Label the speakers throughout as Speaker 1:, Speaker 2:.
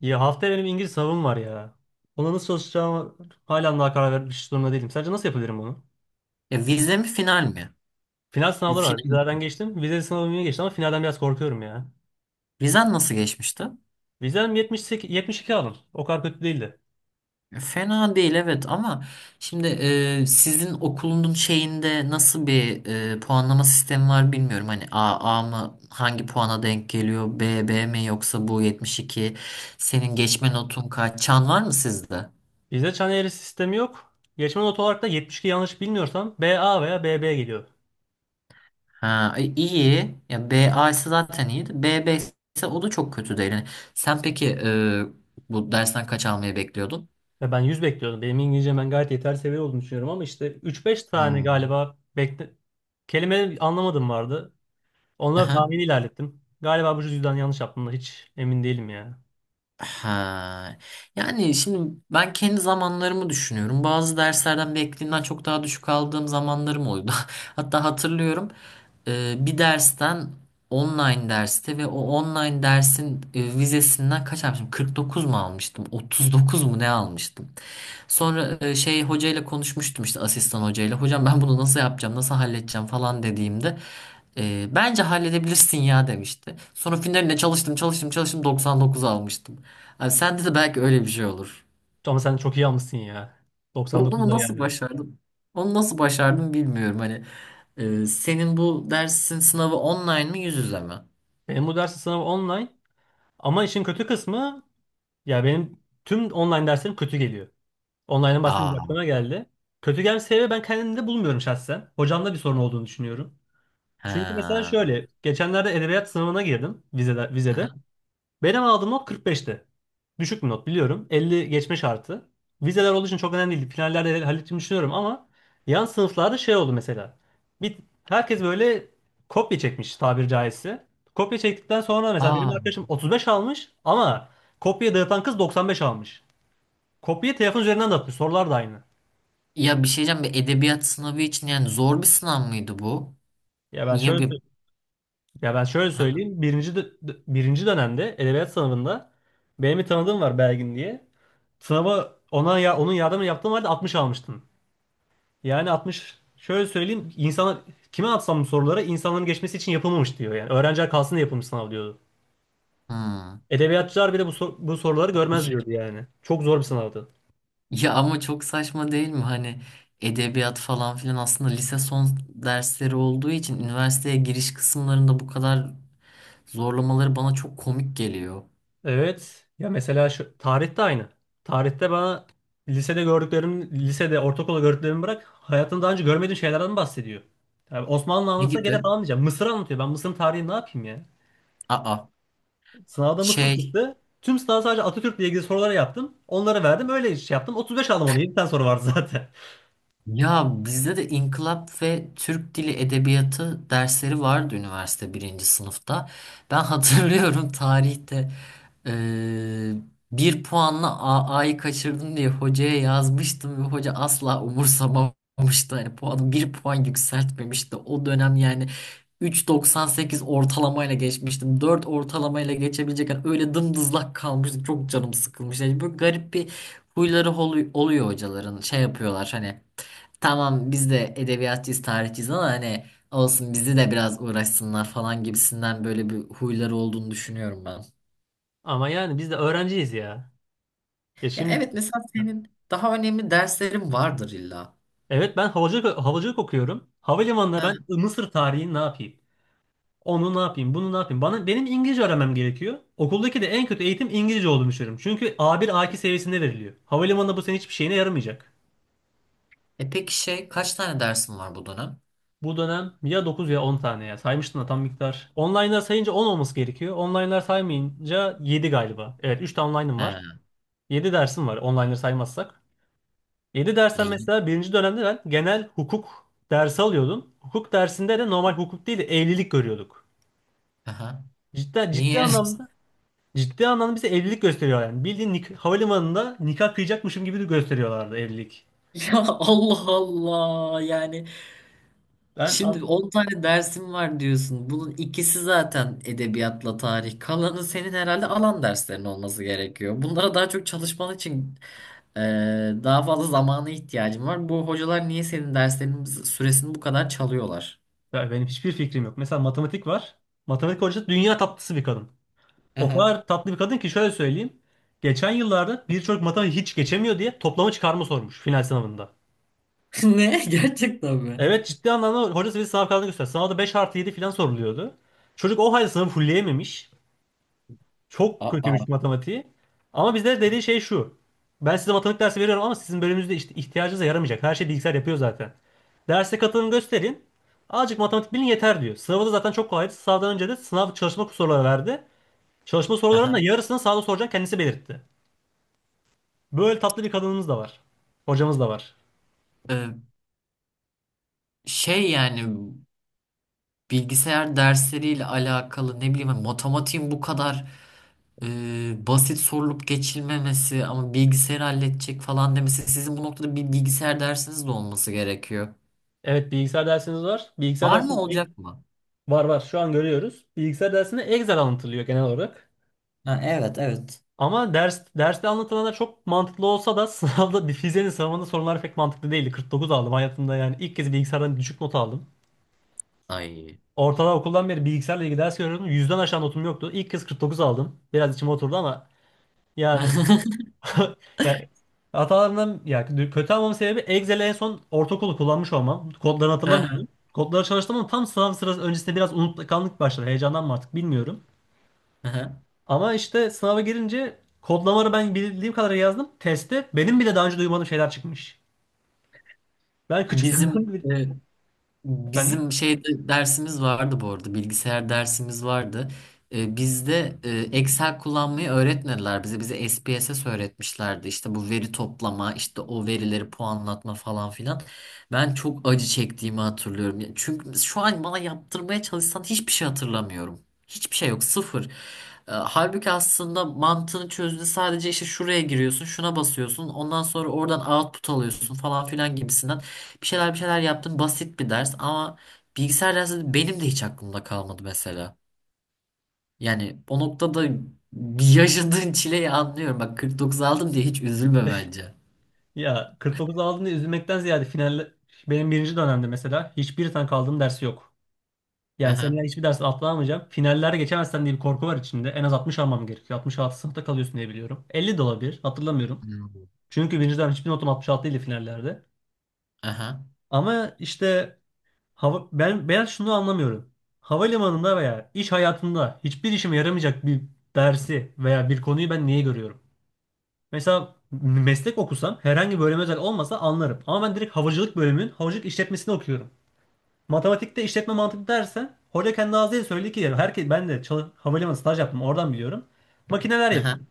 Speaker 1: Ya haftaya benim İngiliz sınavım var ya. Ona nasıl çalışacağımı hala daha karar vermiş durumda değilim. Sence nasıl yapabilirim bunu?
Speaker 2: Ya vize mi final mi?
Speaker 1: Final sınavları var.
Speaker 2: Final.
Speaker 1: Vizelerden geçtim. Vize sınavımı geçtim ama finalden biraz korkuyorum ya.
Speaker 2: Vizen nasıl geçmişti?
Speaker 1: Vizem 78, 72 aldım. O kadar kötü değildi.
Speaker 2: Fena değil, evet, ama şimdi sizin okulunun şeyinde nasıl bir puanlama sistemi var bilmiyorum. Hani A, A mı hangi puana denk geliyor? B, B mi, yoksa bu 72? Senin geçme notun kaç? Çan var mı sizde?
Speaker 1: Vize çan eğrisi sistemi yok. Geçme notu olarak da 72, yanlış bilmiyorsam B A veya B B geliyor.
Speaker 2: Ha, iyi. Ya B, A ise zaten iyiydi. B, B ise o da çok kötü değil. Yani sen peki, bu dersten kaç almayı bekliyordun?
Speaker 1: Ya ben 100 bekliyordum. Benim İngilizcem, ben gayet yeterli seviye olduğunu düşünüyorum ama işte 3-5 tane
Speaker 2: Hmm.
Speaker 1: galiba kelime anlamadım vardı. Onları tahmini ilerlettim. Galiba bu yüzden yanlış yaptım da hiç emin değilim ya.
Speaker 2: Ha. Yani şimdi ben kendi zamanlarımı düşünüyorum. Bazı derslerden beklediğimden çok daha düşük aldığım zamanlarım oldu. Hatta hatırlıyorum, bir dersten, online derste, ve o online dersin vizesinden kaç almıştım? 49 mu almıştım? 39 mu, ne almıştım? Sonra şey, hocayla konuşmuştum, işte asistan hocayla. Hocam, ben bunu nasıl yapacağım, nasıl halledeceğim falan dediğimde, bence halledebilirsin ya demişti. Sonra finaline çalıştım, çalıştım, çalıştım, 99 almıştım. Abi, sende de belki öyle bir şey olur.
Speaker 1: Ama sen çok iyi almışsın ya.
Speaker 2: Onu mu,
Speaker 1: 99'da
Speaker 2: nasıl
Speaker 1: yani.
Speaker 2: başardım? Onu nasıl başardım bilmiyorum. Hani, senin bu dersin sınavı online mi, yüz yüze mi?
Speaker 1: Benim bu dersi sınavı online. Ama işin kötü kısmı, ya benim tüm online derslerim kötü geliyor. Online'ın bahsedince
Speaker 2: Aa.
Speaker 1: aklıma geldi. Kötü gelme sebebi ben kendimde bulmuyorum şahsen. Hocamda bir sorun olduğunu düşünüyorum.
Speaker 2: He.
Speaker 1: Çünkü mesela şöyle. Geçenlerde edebiyat sınavına girdim vizede. Benim aldığım not 45'ti. Düşük bir not biliyorum. 50 geçme şartı. Vizeler olduğu için çok önemli değildi. Finallerde halledeceğimi düşünüyorum ama yan sınıflarda şey oldu mesela. Bir, herkes böyle kopya çekmiş tabiri caizse. Kopya çektikten sonra mesela benim
Speaker 2: Aa.
Speaker 1: arkadaşım 35 almış ama kopya dağıtan kız 95 almış. Kopya telefon üzerinden dağıtmış. Sorular da aynı.
Speaker 2: Ya bir şey diyeceğim, bir edebiyat sınavı için yani zor bir sınav mıydı bu?
Speaker 1: Ya ben
Speaker 2: Niye
Speaker 1: şöyle
Speaker 2: bir...
Speaker 1: Ya ben şöyle söyleyeyim. Birinci dönemde edebiyat sınavında benim bir tanıdığım var, Belgin diye. Sınava ona ya onun yardımını yaptığım halde 60 almıştım. Yani 60, şöyle söyleyeyim, insana kime atsam bu soruları, insanların geçmesi için yapılmamış diyor yani. Öğrenciler kalsın diye yapılmış sınav diyordu.
Speaker 2: Hmm.
Speaker 1: Edebiyatçılar bile bu soruları görmez diyordu yani. Çok zor bir sınavdı.
Speaker 2: Ya ama çok saçma değil mi? Hani edebiyat falan filan aslında lise son dersleri olduğu için, üniversiteye giriş kısımlarında bu kadar zorlamaları bana çok komik geliyor.
Speaker 1: Evet. Ya mesela şu, tarihte aynı. Tarihte bana lisede, ortaokulda gördüklerimi bırak, hayatımda daha önce görmediğim şeylerden bahsediyor. Yani Osmanlı
Speaker 2: Ne
Speaker 1: anlatsa gene
Speaker 2: gibi?
Speaker 1: tamam diyeceğim. Mısır anlatıyor. Ben Mısır'ın tarihini ne yapayım ya?
Speaker 2: Aa,
Speaker 1: Sınavda Mısır
Speaker 2: şey.
Speaker 1: çıktı. Tüm sınavı sadece Atatürk'le ilgili soruları yaptım. Onları verdim. Öyle şey yaptım. 35 aldım onu. 7 tane soru vardı zaten.
Speaker 2: Ya bizde de İnkılap ve Türk Dili Edebiyatı dersleri vardı üniversite birinci sınıfta. Ben hatırlıyorum, tarihte, eee, bir puanla AA'yı kaçırdım diye hocaya yazmıştım ve hoca asla umursamamıştı. Yani puanı bir puan yükseltmemişti. O dönem yani 3,98 ortalamayla geçmiştim. Dört ortalamayla geçebilecek yani öyle dımdızlak kalmıştım. Çok canım sıkılmış. Yani böyle garip bir huyları oluyor hocaların. Şey yapıyorlar hani, tamam biz de edebiyatçıyız, tarihçiyiz, ama hani olsun bizi de biraz uğraşsınlar falan gibisinden böyle bir huyları olduğunu düşünüyorum ben.
Speaker 1: Ama yani biz de öğrenciyiz ya. Ya
Speaker 2: Ya
Speaker 1: şimdi.
Speaker 2: evet, mesela senin daha önemli derslerin vardır illa.
Speaker 1: Evet, ben havacılık, havacılık okuyorum. Havalimanında
Speaker 2: Ha.
Speaker 1: ben Mısır tarihini ne yapayım? Onu ne yapayım, bunu ne yapayım? Bana, benim İngilizce öğrenmem gerekiyor. Okuldaki de en kötü eğitim İngilizce olduğunu düşünüyorum. Çünkü A1 A2 seviyesinde veriliyor. Havalimanında bu senin hiçbir şeyine yaramayacak.
Speaker 2: E peki şey, kaç tane dersin var bu dönem?
Speaker 1: Bu dönem ya 9 ya 10 tane ya. Saymıştın da tam miktar. Online'lar sayınca 10 olması gerekiyor. Online'lar saymayınca 7 galiba. Evet, 3 de online'ım var.
Speaker 2: Ha.
Speaker 1: 7 dersim var online'ları saymazsak. Yedi
Speaker 2: Ya
Speaker 1: dersten,
Speaker 2: y-
Speaker 1: mesela birinci dönemde ben genel hukuk dersi alıyordum. Hukuk dersinde de normal hukuk değil de evlilik görüyorduk.
Speaker 2: Aha.
Speaker 1: Cidden ciddi
Speaker 2: Niye?
Speaker 1: anlamda Ciddi anlamda bize evlilik gösteriyor yani. Bildiğin havalimanında nikah kıyacakmışım gibi de gösteriyorlardı evlilik.
Speaker 2: Ya Allah Allah, yani
Speaker 1: Ben al-
Speaker 2: şimdi 10 tane dersim var diyorsun. Bunun ikisi zaten edebiyatla tarih. Kalanı senin herhalde alan derslerin olması gerekiyor. Bunlara daha çok çalışman için Ee, daha fazla zamana ihtiyacım var. Bu hocalar niye senin derslerinin süresini bu kadar çalıyorlar?
Speaker 1: Ya benim hiçbir fikrim yok. Mesela matematik var. Matematik hocası dünya tatlısı bir kadın. O
Speaker 2: Aha.
Speaker 1: kadar tatlı bir kadın ki şöyle söyleyeyim. Geçen yıllarda bir çocuk matematik hiç geçemiyor diye toplama çıkarma sormuş final sınavında.
Speaker 2: Ne? Gerçekten mi?
Speaker 1: Evet, ciddi anlamda, hocası bize sınav kağıdını göster. Sınavda 5 artı 7 falan soruluyordu. Çocuk o halde sınavı fulleyememiş. Çok
Speaker 2: Aa.
Speaker 1: kötüymüş matematiği. Ama bizde dediği şey şu. Ben size matematik dersi veriyorum ama sizin bölümünüzde işte ihtiyacınıza yaramayacak. Her şey bilgisayar yapıyor zaten. Derse katılın, gösterin. Azıcık matematik bilin yeter diyor. Sınavı da zaten çok kolaydı. Sınavdan önce de sınav çalışma soruları verdi. Çalışma sorularının da
Speaker 2: Aha.
Speaker 1: yarısını sağda soracak, kendisi belirtti. Böyle tatlı bir kadınımız da var. Hocamız da var.
Speaker 2: Ee, şey yani, bilgisayar dersleriyle alakalı ne bileyim, hani matematiğin bu kadar basit sorulup geçilmemesi ama bilgisayarı halledecek falan demesi, sizin bu noktada bir bilgisayar dersiniz de olması gerekiyor.
Speaker 1: Evet, bilgisayar dersiniz var. Bilgisayar
Speaker 2: Var mı,
Speaker 1: dersinde
Speaker 2: olacak mı?
Speaker 1: var şu an görüyoruz. Bilgisayar dersinde Excel anlatılıyor genel olarak.
Speaker 2: Ha, evet, evet.
Speaker 1: Ama derste anlatılanlar çok mantıklı olsa da fiziğin sınavında sorular pek mantıklı değildi. 49 aldım hayatımda, yani ilk kez bilgisayardan düşük not aldım.
Speaker 2: Ay.
Speaker 1: Okuldan beri bilgisayarla ilgili ders görüyordum. Yüzden aşağı notum yoktu. İlk kez 49 aldım. Biraz içime oturdu ama yani yani, hatalarından ya, kötü almamın sebebi Excel'i en son ortaokulu kullanmış olmam. Kodlarını
Speaker 2: Aha,
Speaker 1: hatırlamıyorum. Kodları çalıştım ama tam sınav sırası öncesinde biraz unutkanlık başladı. Heyecandan mı artık bilmiyorum.
Speaker 2: aha.
Speaker 1: Ama işte sınava girince kodlamaları ben bildiğim kadarıyla yazdım. Testte benim bile daha önce duymadığım şeyler çıkmış. Ben küçüklüğümden
Speaker 2: Bizim
Speaker 1: beri...
Speaker 2: e,
Speaker 1: Efendim?
Speaker 2: bizim şeyde dersimiz vardı, bu arada bilgisayar dersimiz vardı. Bizde Excel kullanmayı öğretmediler bize. Bize SPSS öğretmişlerdi. İşte bu veri toplama, işte o verileri puanlatma falan filan. Ben çok acı çektiğimi hatırlıyorum. Ya çünkü şu an bana yaptırmaya çalışsan hiçbir şey hatırlamıyorum. Hiçbir şey yok, sıfır. Halbuki aslında mantığını çözdü. Sadece işte şuraya giriyorsun, şuna basıyorsun. Ondan sonra oradan output alıyorsun falan filan gibisinden. Bir şeyler bir şeyler yaptım. Basit bir ders ama bilgisayar dersi benim de hiç aklımda kalmadı mesela. Yani o noktada bir yaşadığın çileyi anlıyorum. Bak, 49 aldım diye hiç üzülme bence.
Speaker 1: Ya 49 aldığında üzülmekten ziyade, final, benim birinci dönemde mesela hiçbir tane kaldığım ders yok. Yani seneye
Speaker 2: Aha.
Speaker 1: hiçbir ders atlayamayacağım. Finallere geçemezsen diye bir korku var içinde. En az 60 almam gerekiyor. 66 sınıfta kalıyorsun diye biliyorum. 50 de olabilir. Hatırlamıyorum.
Speaker 2: Hmm.
Speaker 1: Çünkü birinci dönem hiçbir notum 66 ile finallerde.
Speaker 2: Aha.
Speaker 1: Ama işte, ben şunu anlamıyorum. Havalimanında veya iş hayatında hiçbir işime yaramayacak bir dersi veya bir konuyu ben niye görüyorum? Mesela meslek okusam, herhangi bir bölüme özel olmasa anlarım. Ama ben direkt havacılık bölümünün havacılık işletmesini okuyorum. Matematikte işletme mantığı dersen, hoca kendi ağzıyla söyledi ki herkes, ben de çalış, havalimanı staj yaptım oradan biliyorum. Makineler yapıyor.
Speaker 2: Aha.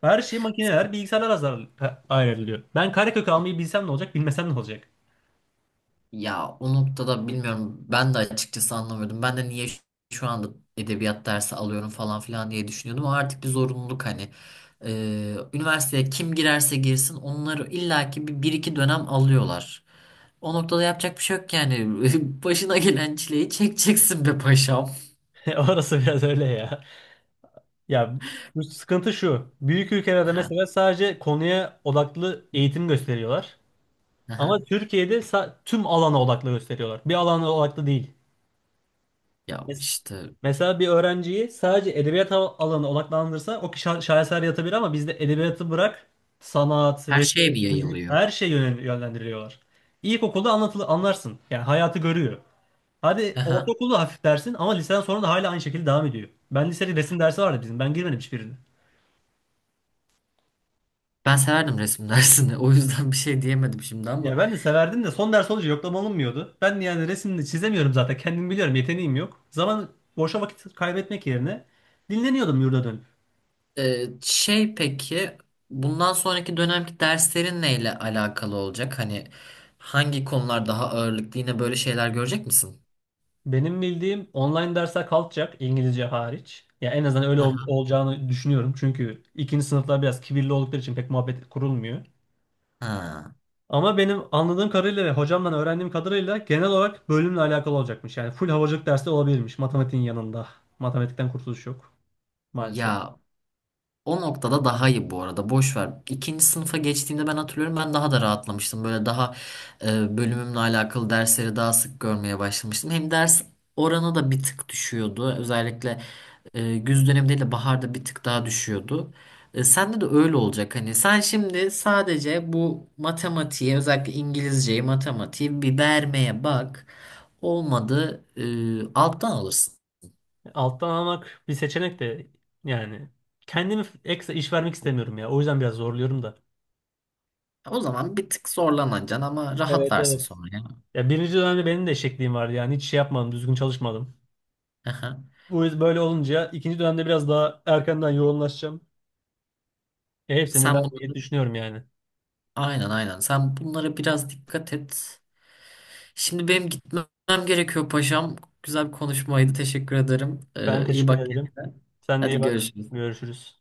Speaker 1: Her şey makineler, bilgisayarlar ayrılıyor. Ben karekök almayı bilsem ne olacak, bilmesem ne olacak?
Speaker 2: Ya o noktada bilmiyorum. Ben de açıkçası anlamıyordum. Ben de niye şu anda edebiyat dersi alıyorum falan filan diye düşünüyordum. Ama artık bir zorunluluk hani. Üniversiteye kim girerse girsin onları illaki bir iki dönem alıyorlar. O noktada yapacak bir şey yok yani. Başına gelen çileyi çekeceksin be paşam.
Speaker 1: Orası biraz öyle ya. Ya bu sıkıntı şu. Büyük ülkelerde
Speaker 2: Ha,
Speaker 1: mesela sadece konuya odaklı eğitim gösteriyorlar. Ama
Speaker 2: aha.
Speaker 1: Türkiye'de tüm alana odaklı gösteriyorlar. Bir alana odaklı değil.
Speaker 2: Ya
Speaker 1: Mes-
Speaker 2: işte,
Speaker 1: Mesela bir öğrenciyi sadece edebiyat alanına odaklandırsa o kişi şaheser yatabilir ama bizde edebiyatı bırak, sanat,
Speaker 2: her şeye
Speaker 1: resim,
Speaker 2: bir
Speaker 1: müzik
Speaker 2: yayılıyor?
Speaker 1: her şeye yönlendiriyorlar. İlkokulda anlatılı anlarsın. Yani hayatı görüyor. Hadi
Speaker 2: Aha.
Speaker 1: ortaokulda hafif dersin ama liseden sonra da hala aynı şekilde devam ediyor. Ben lisede resim dersi vardı bizim. Ben girmedim hiçbirine.
Speaker 2: Ben severdim resim dersini. O yüzden bir şey diyemedim şimdi ama.
Speaker 1: Ya ben de severdim de son ders olunca yoklama alınmıyordu. Ben de yani resimde çizemiyorum zaten. Kendim biliyorum, yeteneğim yok. Zaman, boşa vakit kaybetmek yerine, dinleniyordum yurda dönüp.
Speaker 2: Şey peki, bundan sonraki dönemki derslerin neyle alakalı olacak? Hani hangi konular daha ağırlıklı, yine böyle şeyler görecek misin?
Speaker 1: Benim bildiğim online dersler kalkacak, İngilizce hariç. Ya en azından öyle
Speaker 2: Aha.
Speaker 1: olacağını düşünüyorum. Çünkü ikinci sınıflar biraz kibirli oldukları için pek muhabbet kurulmuyor.
Speaker 2: Ha.
Speaker 1: Ama benim anladığım kadarıyla ve hocamdan öğrendiğim kadarıyla genel olarak bölümle alakalı olacakmış. Yani full havacılık dersi olabilirmiş matematiğin yanında. Matematikten kurtuluş yok maalesef.
Speaker 2: Ya o noktada daha iyi, bu arada. Boş ver. İkinci sınıfa geçtiğimde ben hatırlıyorum, ben daha da rahatlamıştım. Böyle daha bölümümle alakalı dersleri daha sık görmeye başlamıştım. Hem ders oranı da bir tık düşüyordu. Özellikle güz dönemi değil de baharda bir tık daha düşüyordu. Sende de öyle olacak. Hani sen şimdi sadece bu matematiğe, özellikle İngilizceyi, matematiği bir vermeye bak. Olmadı alttan alırsın.
Speaker 1: Alttan almak bir seçenek de, yani kendimi ekstra iş vermek istemiyorum ya. O yüzden biraz zorluyorum da.
Speaker 2: O zaman bir tık zorlanacaksın ama
Speaker 1: Evet,
Speaker 2: rahatlarsın
Speaker 1: evet.
Speaker 2: sonra.
Speaker 1: Ya birinci dönemde benim de eşekliğim vardı, yani hiç şey yapmadım, düzgün çalışmadım.
Speaker 2: Yani.
Speaker 1: Bu yüzden böyle olunca ikinci dönemde biraz daha erkenden yoğunlaşacağım. Hepsini
Speaker 2: Sen
Speaker 1: vermeyi
Speaker 2: bunları,
Speaker 1: düşünüyorum yani.
Speaker 2: aynen aynen. Sen bunlara biraz dikkat et. Şimdi benim gitmem gerekiyor paşam. Güzel bir konuşmaydı, teşekkür ederim.
Speaker 1: Ben
Speaker 2: İyi
Speaker 1: teşekkür
Speaker 2: bak
Speaker 1: ederim.
Speaker 2: kendine.
Speaker 1: Sen de iyi
Speaker 2: Hadi
Speaker 1: bak.
Speaker 2: görüşürüz.
Speaker 1: Görüşürüz.